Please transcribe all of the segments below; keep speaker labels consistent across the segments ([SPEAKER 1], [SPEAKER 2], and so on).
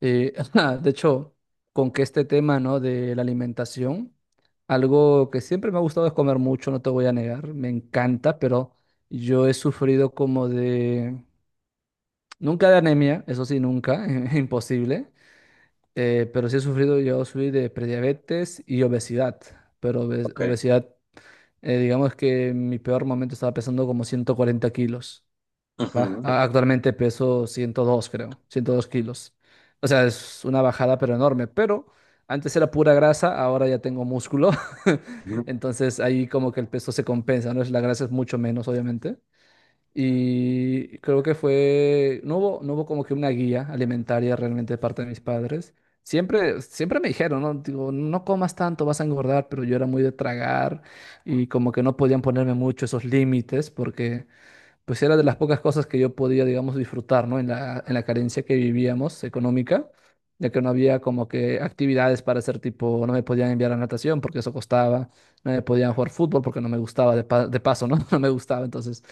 [SPEAKER 1] Eh, de hecho, con que este tema, ¿no? De la alimentación, algo que siempre me ha gustado es comer mucho, no te voy a negar, me encanta, pero yo he sufrido como de, nunca de anemia, eso sí, nunca, imposible, pero sí he sufrido, yo sufrí de prediabetes y obesidad, pero
[SPEAKER 2] Ok.
[SPEAKER 1] obesidad. Digamos que en mi peor momento estaba pesando como 140 kilos. Va,
[SPEAKER 2] Ujú.
[SPEAKER 1] actualmente peso 102, creo, 102 kilos. O sea, es una bajada, pero enorme. Pero antes era pura grasa, ahora ya tengo músculo.
[SPEAKER 2] Ujú.
[SPEAKER 1] Entonces ahí como que el peso se compensa, ¿no? La grasa es mucho menos, obviamente. Y creo que fue, no hubo como que una guía alimentaria realmente de parte de mis padres. Siempre me dijeron, ¿no? Digo, no comas tanto, vas a engordar, pero yo era muy de tragar y como que no podían ponerme mucho esos límites porque pues era de las pocas cosas que yo podía, digamos, disfrutar, ¿no? En la carencia que vivíamos económica, ya que no había como que actividades para hacer tipo, no me podían enviar a natación porque eso costaba, no me podían jugar fútbol porque no me gustaba, de paso, ¿no? No me gustaba, entonces,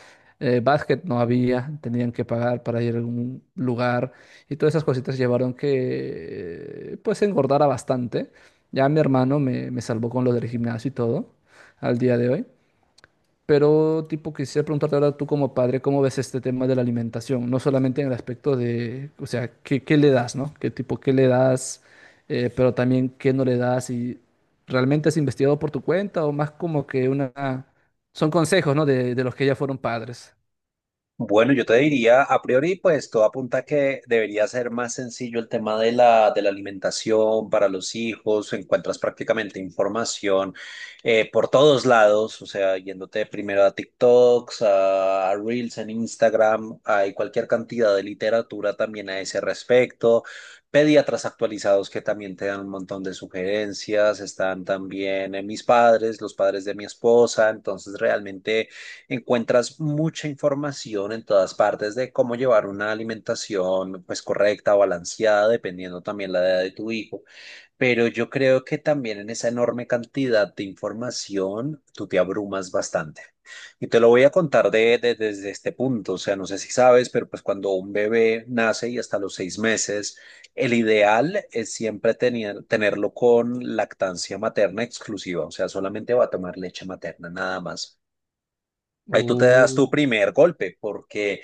[SPEAKER 1] básquet no había, tenían que pagar para ir a algún lugar y todas esas cositas llevaron que, pues, engordara bastante. Ya mi hermano me salvó con lo del gimnasio y todo al día de hoy. Pero, tipo, quisiera preguntarte ahora tú como padre, ¿cómo ves este tema de la alimentación? No solamente en el aspecto de, o sea, ¿qué, qué le das, no? ¿Qué tipo, qué le das? Pero también, ¿qué no le das? ¿Y realmente has investigado por tu cuenta o más como que una... Son consejos, ¿no? De de, los que ya fueron padres.
[SPEAKER 2] Bueno, yo te diría, a priori, pues todo apunta a que debería ser más sencillo el tema de la alimentación para los hijos. Encuentras prácticamente información por todos lados, o sea, yéndote primero a TikToks, a Reels en Instagram, hay cualquier cantidad de literatura también a ese respecto. Pediatras actualizados que también te dan un montón de sugerencias. Están también mis padres, los padres de mi esposa. Entonces, realmente, encuentras mucha información en todas partes de cómo llevar una alimentación pues correcta, balanceada, dependiendo también la edad de tu hijo. Pero yo creo que también en esa enorme cantidad de información tú te abrumas bastante. Y te lo voy a contar desde este punto. O sea, no sé si sabes, pero pues cuando un bebé nace y hasta los 6 meses, el ideal es siempre tener, tenerlo con lactancia materna exclusiva. O sea, solamente va a tomar leche materna, nada más. Ahí tú te das
[SPEAKER 1] Uh,
[SPEAKER 2] tu primer golpe, porque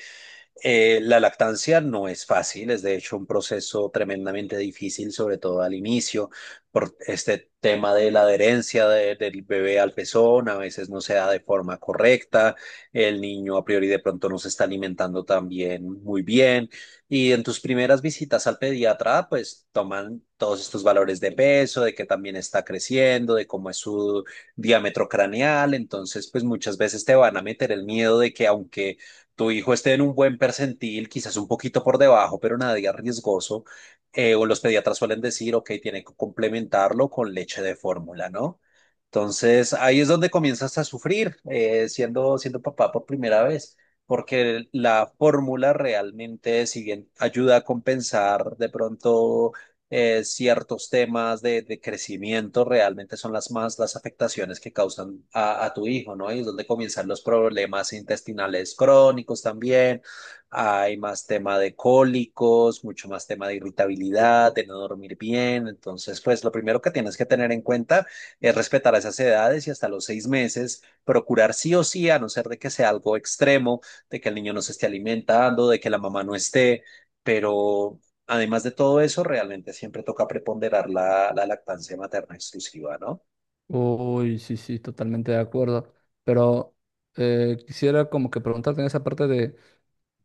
[SPEAKER 2] la lactancia no es fácil, es de hecho un proceso tremendamente difícil, sobre todo al inicio, por este tema de la adherencia del bebé al pezón, a veces no se da de forma correcta, el niño a priori de pronto no se está alimentando también muy bien, y en tus primeras visitas al pediatra, pues toman todos estos valores de peso, de que también está creciendo, de cómo es su diámetro craneal, entonces pues muchas veces te van a meter el miedo de que aunque tu hijo esté en un buen percentil, quizás un poquito por debajo, pero nada de riesgoso, o los pediatras suelen decir, ok, tiene que complementarlo con leche de fórmula, ¿no? Entonces, ahí es donde comienzas a sufrir, siendo papá por primera vez, porque la fórmula realmente, si bien ayuda a compensar de pronto ciertos temas de crecimiento, realmente son las más las afectaciones que causan a tu hijo, ¿no? Y es donde comienzan los problemas intestinales crónicos también. Hay más tema de cólicos, mucho más tema de irritabilidad, de no dormir bien. Entonces, pues lo primero que tienes que tener en cuenta es respetar esas edades y hasta los 6 meses, procurar sí o sí, a no ser de que sea algo extremo, de que el niño no se esté alimentando, de que la mamá no esté. Pero además de todo eso, realmente siempre toca preponderar la lactancia materna exclusiva, ¿no?
[SPEAKER 1] Uy, sí, sí, totalmente de acuerdo. Pero quisiera como que preguntarte en esa parte de,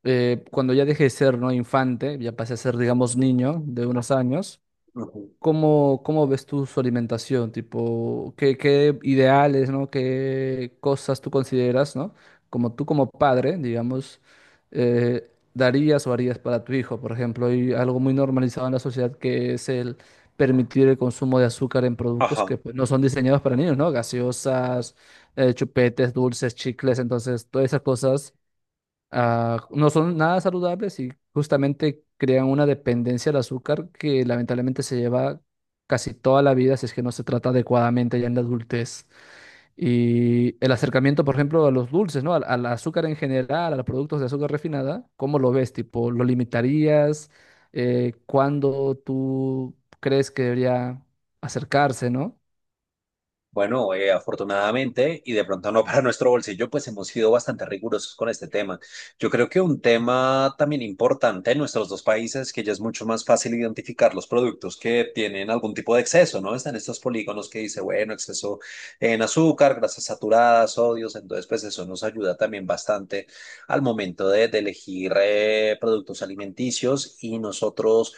[SPEAKER 1] cuando ya dejé de ser, ¿no? Infante, ya pasé a ser, digamos, niño de unos años.
[SPEAKER 2] Ujú.
[SPEAKER 1] ¿Cómo, cómo ves tú su alimentación? Tipo, ¿qué, qué ideales, ¿no? ¿Qué cosas tú consideras, ¿no? Como tú como padre, digamos, darías o harías para tu hijo, por ejemplo. Hay algo muy normalizado en la sociedad que es el permitir el consumo de azúcar en productos
[SPEAKER 2] Ajá.
[SPEAKER 1] que pues, no son diseñados para niños, ¿no? Gaseosas, chupetes, dulces, chicles, entonces, todas esas cosas no son nada saludables y justamente crean una dependencia al azúcar que lamentablemente se lleva casi toda la vida si es que no se trata adecuadamente ya en la adultez. Y el acercamiento, por ejemplo, a los dulces, ¿no? Al azúcar en general, a los productos de azúcar refinada, ¿cómo lo ves? Tipo, ¿lo limitarías? ¿Cuándo tú crees que debería acercarse, ¿no?
[SPEAKER 2] Bueno, afortunadamente, y de pronto no para nuestro bolsillo, pues hemos sido bastante rigurosos con este tema. Yo creo que un tema también importante en nuestros dos países, que ya es mucho más fácil identificar los productos que tienen algún tipo de exceso, ¿no? Están estos polígonos que dice, bueno, exceso en azúcar, grasas saturadas, sodios, entonces pues eso nos ayuda también bastante al momento de elegir productos alimenticios y nosotros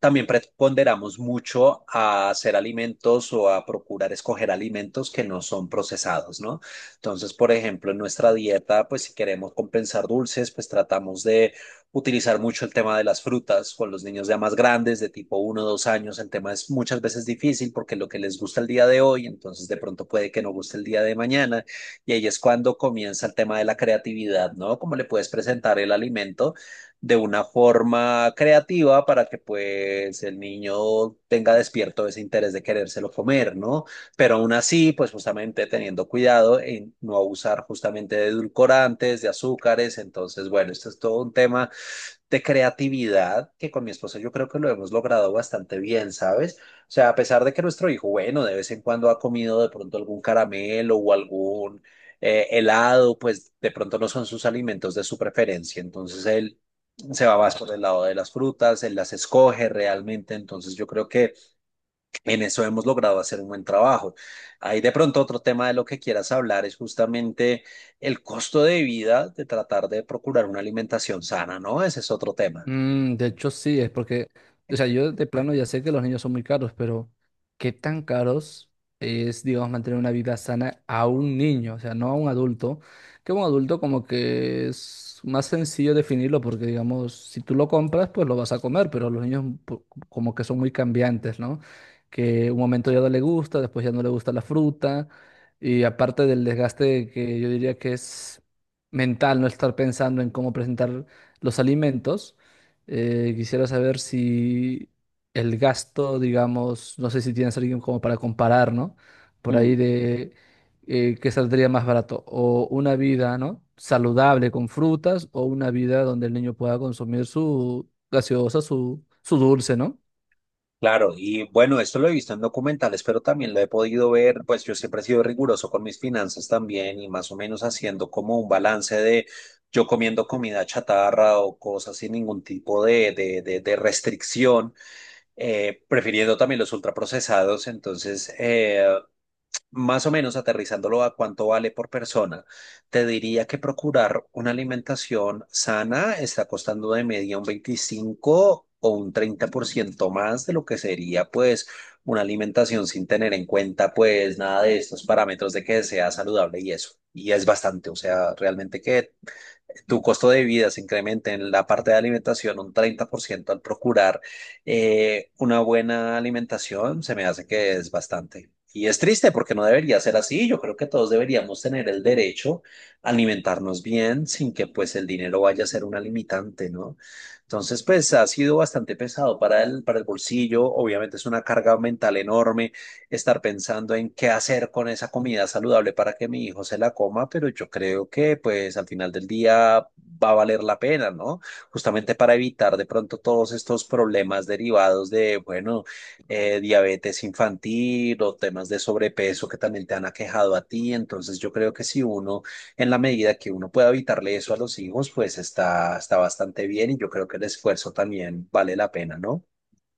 [SPEAKER 2] también preponderamos mucho a hacer alimentos o a procurar escoger alimentos que no son procesados, ¿no? Entonces, por ejemplo, en nuestra dieta, pues si queremos compensar dulces, pues tratamos de utilizar mucho el tema de las frutas con los niños ya más grandes, de tipo uno, o 2 años. El tema es muchas veces difícil porque lo que les gusta el día de hoy, entonces de pronto puede que no guste el día de mañana. Y ahí es cuando comienza el tema de la creatividad, ¿no? Cómo le puedes presentar el alimento de una forma creativa para que pues el niño tenga despierto ese interés de querérselo comer, ¿no? Pero aún así, pues justamente teniendo cuidado en no abusar justamente de edulcorantes, de azúcares, entonces, bueno, esto es todo un tema de creatividad que con mi esposa yo creo que lo hemos logrado bastante bien, ¿sabes? O sea, a pesar de que nuestro hijo, bueno, de vez en cuando ha comido de pronto algún caramelo o algún helado, pues de pronto no son sus alimentos de su preferencia. Entonces él se va más por el lado de las frutas, él las escoge realmente, entonces yo creo que en eso hemos logrado hacer un buen trabajo. Ahí de pronto otro tema de lo que quieras hablar es justamente el costo de vida de tratar de procurar una alimentación sana, ¿no? Ese es otro tema.
[SPEAKER 1] Mm, de hecho, sí, es porque, o sea, yo de plano ya sé que los niños son muy caros, pero ¿qué tan caros es, digamos, mantener una vida sana a un niño? O sea, no a un adulto, que un adulto como que es más sencillo definirlo porque, digamos, si tú lo compras, pues lo vas a comer, pero los niños como que son muy cambiantes, ¿no? Que un momento ya no le gusta, después ya no le gusta la fruta, y aparte del desgaste que yo diría que es mental, no estar pensando en cómo presentar los alimentos. Quisiera saber si el gasto, digamos, no sé si tienes alguien como para comparar, ¿no? Por
[SPEAKER 2] Mm.
[SPEAKER 1] ahí de qué saldría más barato, o una vida, ¿no? Saludable con frutas, o una vida donde el niño pueda consumir su gaseosa, su dulce, ¿no?
[SPEAKER 2] Claro, y bueno, esto lo he visto en documentales, pero también lo he podido ver, pues yo siempre he sido riguroso con mis finanzas también y más o menos haciendo como un balance de yo comiendo comida chatarra o cosas sin ningún tipo de restricción, prefiriendo también los ultraprocesados, entonces más o menos aterrizándolo a cuánto vale por persona, te diría que procurar una alimentación sana está costando de media un 25 o un 30% más de lo que sería pues una alimentación sin tener en cuenta pues nada de estos parámetros de que sea saludable y eso. Y es bastante, o sea, realmente que tu costo de vida se incrementa en la parte de alimentación un 30% al procurar una buena alimentación, se me hace que es bastante. Y es triste porque no debería ser así. Yo creo que todos deberíamos tener el derecho a alimentarnos bien sin que pues el dinero vaya a ser una limitante, ¿no? Entonces, pues ha sido bastante pesado para el bolsillo. Obviamente es una carga mental enorme estar pensando en qué hacer con esa comida saludable para que mi hijo se la coma, pero yo creo que pues al final del día va a valer la pena, ¿no? Justamente para evitar de pronto todos estos problemas derivados de, bueno, diabetes infantil o temas de sobrepeso que también te han aquejado a ti. Entonces yo creo que si uno, en la medida que uno pueda evitarle eso a los hijos, pues está, está bastante bien y yo creo que el esfuerzo también vale la pena, ¿no?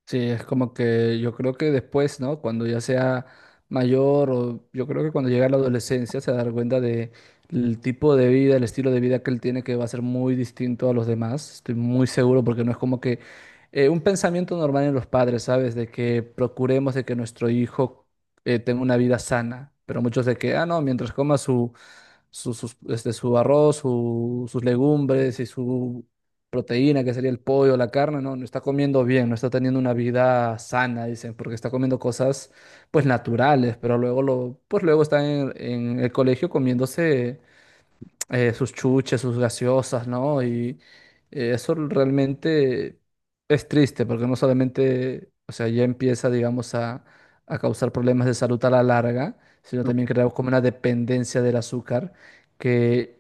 [SPEAKER 1] Sí, es como que yo creo que después, ¿no? Cuando ya sea mayor o yo creo que cuando llega a la adolescencia se dará cuenta de el tipo de vida, el estilo de vida que él tiene que va a ser muy distinto a los demás. Estoy muy seguro porque no es como que un pensamiento normal en los padres, ¿sabes? De que procuremos de que nuestro hijo tenga una vida sana, pero muchos de que, ah, no, mientras coma su arroz, sus legumbres y su proteína, que sería el pollo, la carne, no, no está comiendo bien, no está teniendo una vida sana, dicen, porque está comiendo cosas pues naturales, pero pues luego está en el colegio comiéndose sus chuches, sus gaseosas, ¿no? Y eso realmente es triste porque no solamente, o sea, ya empieza, digamos, a causar problemas de salud a la larga, sino también creamos como una dependencia del azúcar que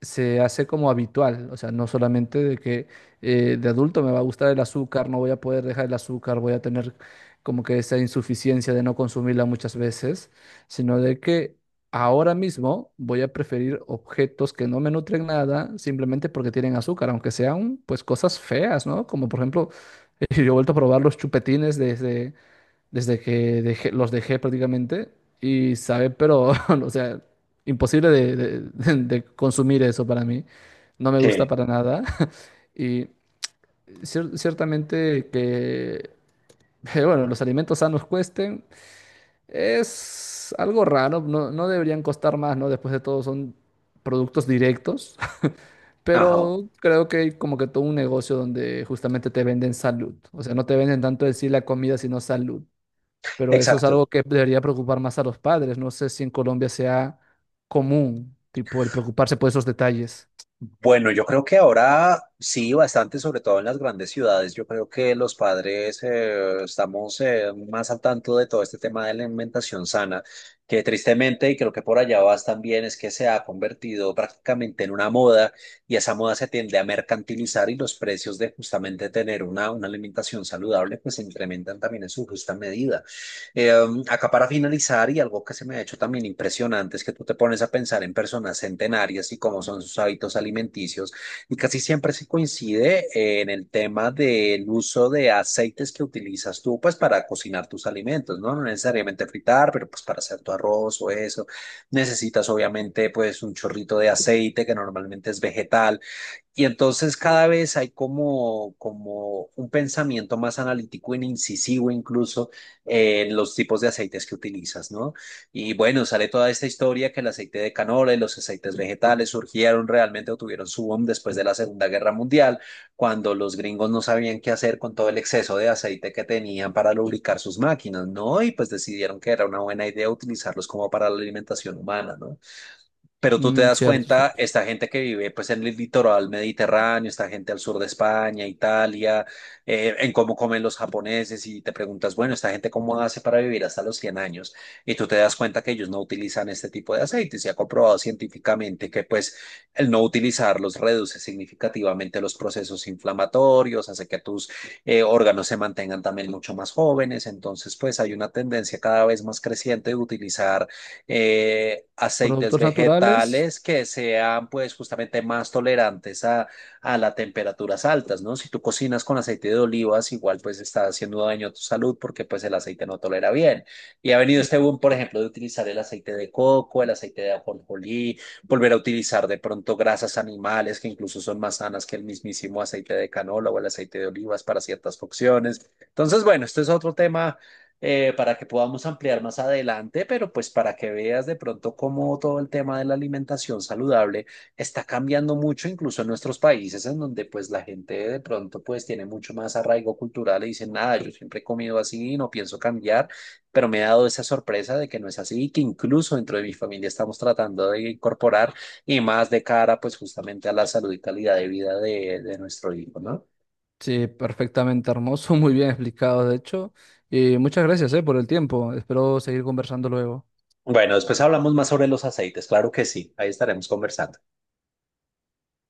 [SPEAKER 1] se hace como habitual, o sea, no solamente de que de adulto me va a gustar el azúcar, no voy a poder dejar el azúcar, voy a tener como que esa insuficiencia de no consumirla muchas veces, sino de que ahora mismo voy a preferir objetos que no me nutren nada simplemente porque tienen azúcar, aunque sean pues cosas feas, ¿no? Como por ejemplo, yo he vuelto a probar los chupetines desde que los dejé prácticamente y sabe, pero, o sea, imposible de consumir eso para mí. No me gusta
[SPEAKER 2] Sí.
[SPEAKER 1] para nada. Y ciertamente que, bueno, los alimentos sanos cuesten. Es algo raro, no, no deberían costar más, ¿no? Después de todo son productos directos,
[SPEAKER 2] Ajá,
[SPEAKER 1] pero creo que hay como que todo un negocio donde justamente te venden salud. O sea, no te venden tanto decir la comida, sino salud. Pero eso es
[SPEAKER 2] exacto.
[SPEAKER 1] algo que debería preocupar más a los padres. No sé si en Colombia sea común, tipo, el preocuparse por esos detalles.
[SPEAKER 2] Bueno, yo creo que ahora sí, bastante, sobre todo en las grandes ciudades. Yo creo que los padres estamos más al tanto de todo este tema de la alimentación sana, que tristemente, y creo que por allá vas también, es que se ha convertido prácticamente en una moda y esa moda se tiende a mercantilizar y los precios de justamente tener una alimentación saludable pues se incrementan también en su justa medida. Acá para finalizar, y algo que se me ha hecho también impresionante es que tú te pones a pensar en personas centenarias y cómo son sus hábitos alimenticios, y casi siempre se coincide en el tema del uso de aceites que utilizas tú, pues para cocinar tus alimentos, ¿no? No necesariamente fritar, pero pues para hacer tu arroz o eso. Necesitas obviamente pues un chorrito de aceite que normalmente es vegetal y entonces cada vez hay como un pensamiento más analítico e incisivo incluso en los tipos de aceites que utilizas, ¿no? Y bueno, sale toda esta historia que el aceite de canola y los aceites vegetales surgieron realmente o tuvieron su boom después de la Segunda Guerra Mundial, cuando los gringos no sabían qué hacer con todo el exceso de aceite que tenían para lubricar sus máquinas, ¿no? Y pues decidieron que era una buena idea utilizarlos como para la alimentación humana, ¿no? Pero tú te
[SPEAKER 1] Mm,
[SPEAKER 2] das
[SPEAKER 1] cierto. Su-
[SPEAKER 2] cuenta, esta gente que vive pues en el litoral mediterráneo, esta gente al sur de España, Italia, en cómo comen los japoneses y te preguntas, bueno, esta gente cómo hace para vivir hasta los 100 años y tú te das cuenta que ellos no utilizan este tipo de aceites. Se ha comprobado científicamente que pues el no utilizarlos reduce significativamente los procesos inflamatorios, hace que tus órganos se mantengan también mucho más jóvenes. Entonces pues hay una tendencia cada vez más creciente de utilizar aceites
[SPEAKER 1] Productos naturales,
[SPEAKER 2] vegetales que sean pues justamente más tolerantes a las temperaturas altas, ¿no? Si tú cocinas con aceite de olivas, igual pues está haciendo daño a tu salud porque pues el aceite no tolera bien. Y ha venido este boom, por ejemplo, de utilizar el aceite de coco, el aceite de ajonjolí, volver a utilizar de pronto grasas animales que incluso son más sanas que el mismísimo aceite de canola o el aceite de olivas para ciertas funciones. Entonces, bueno, este es otro tema para que podamos ampliar más adelante, pero pues para que veas de pronto cómo todo el tema de la alimentación saludable está cambiando mucho, incluso en nuestros países, en donde pues la gente de pronto pues tiene mucho más arraigo cultural y dicen, nada, yo siempre he comido así, no pienso cambiar, pero me he dado esa sorpresa de que no es así y que incluso dentro de mi familia estamos tratando de incorporar y más de cara pues justamente a la salud y calidad de vida de nuestro hijo, ¿no?
[SPEAKER 1] sí, perfectamente hermoso, muy bien explicado, de hecho. Y muchas gracias, por el tiempo. Espero seguir conversando luego.
[SPEAKER 2] Bueno, después hablamos más sobre los aceites, claro que sí, ahí estaremos conversando.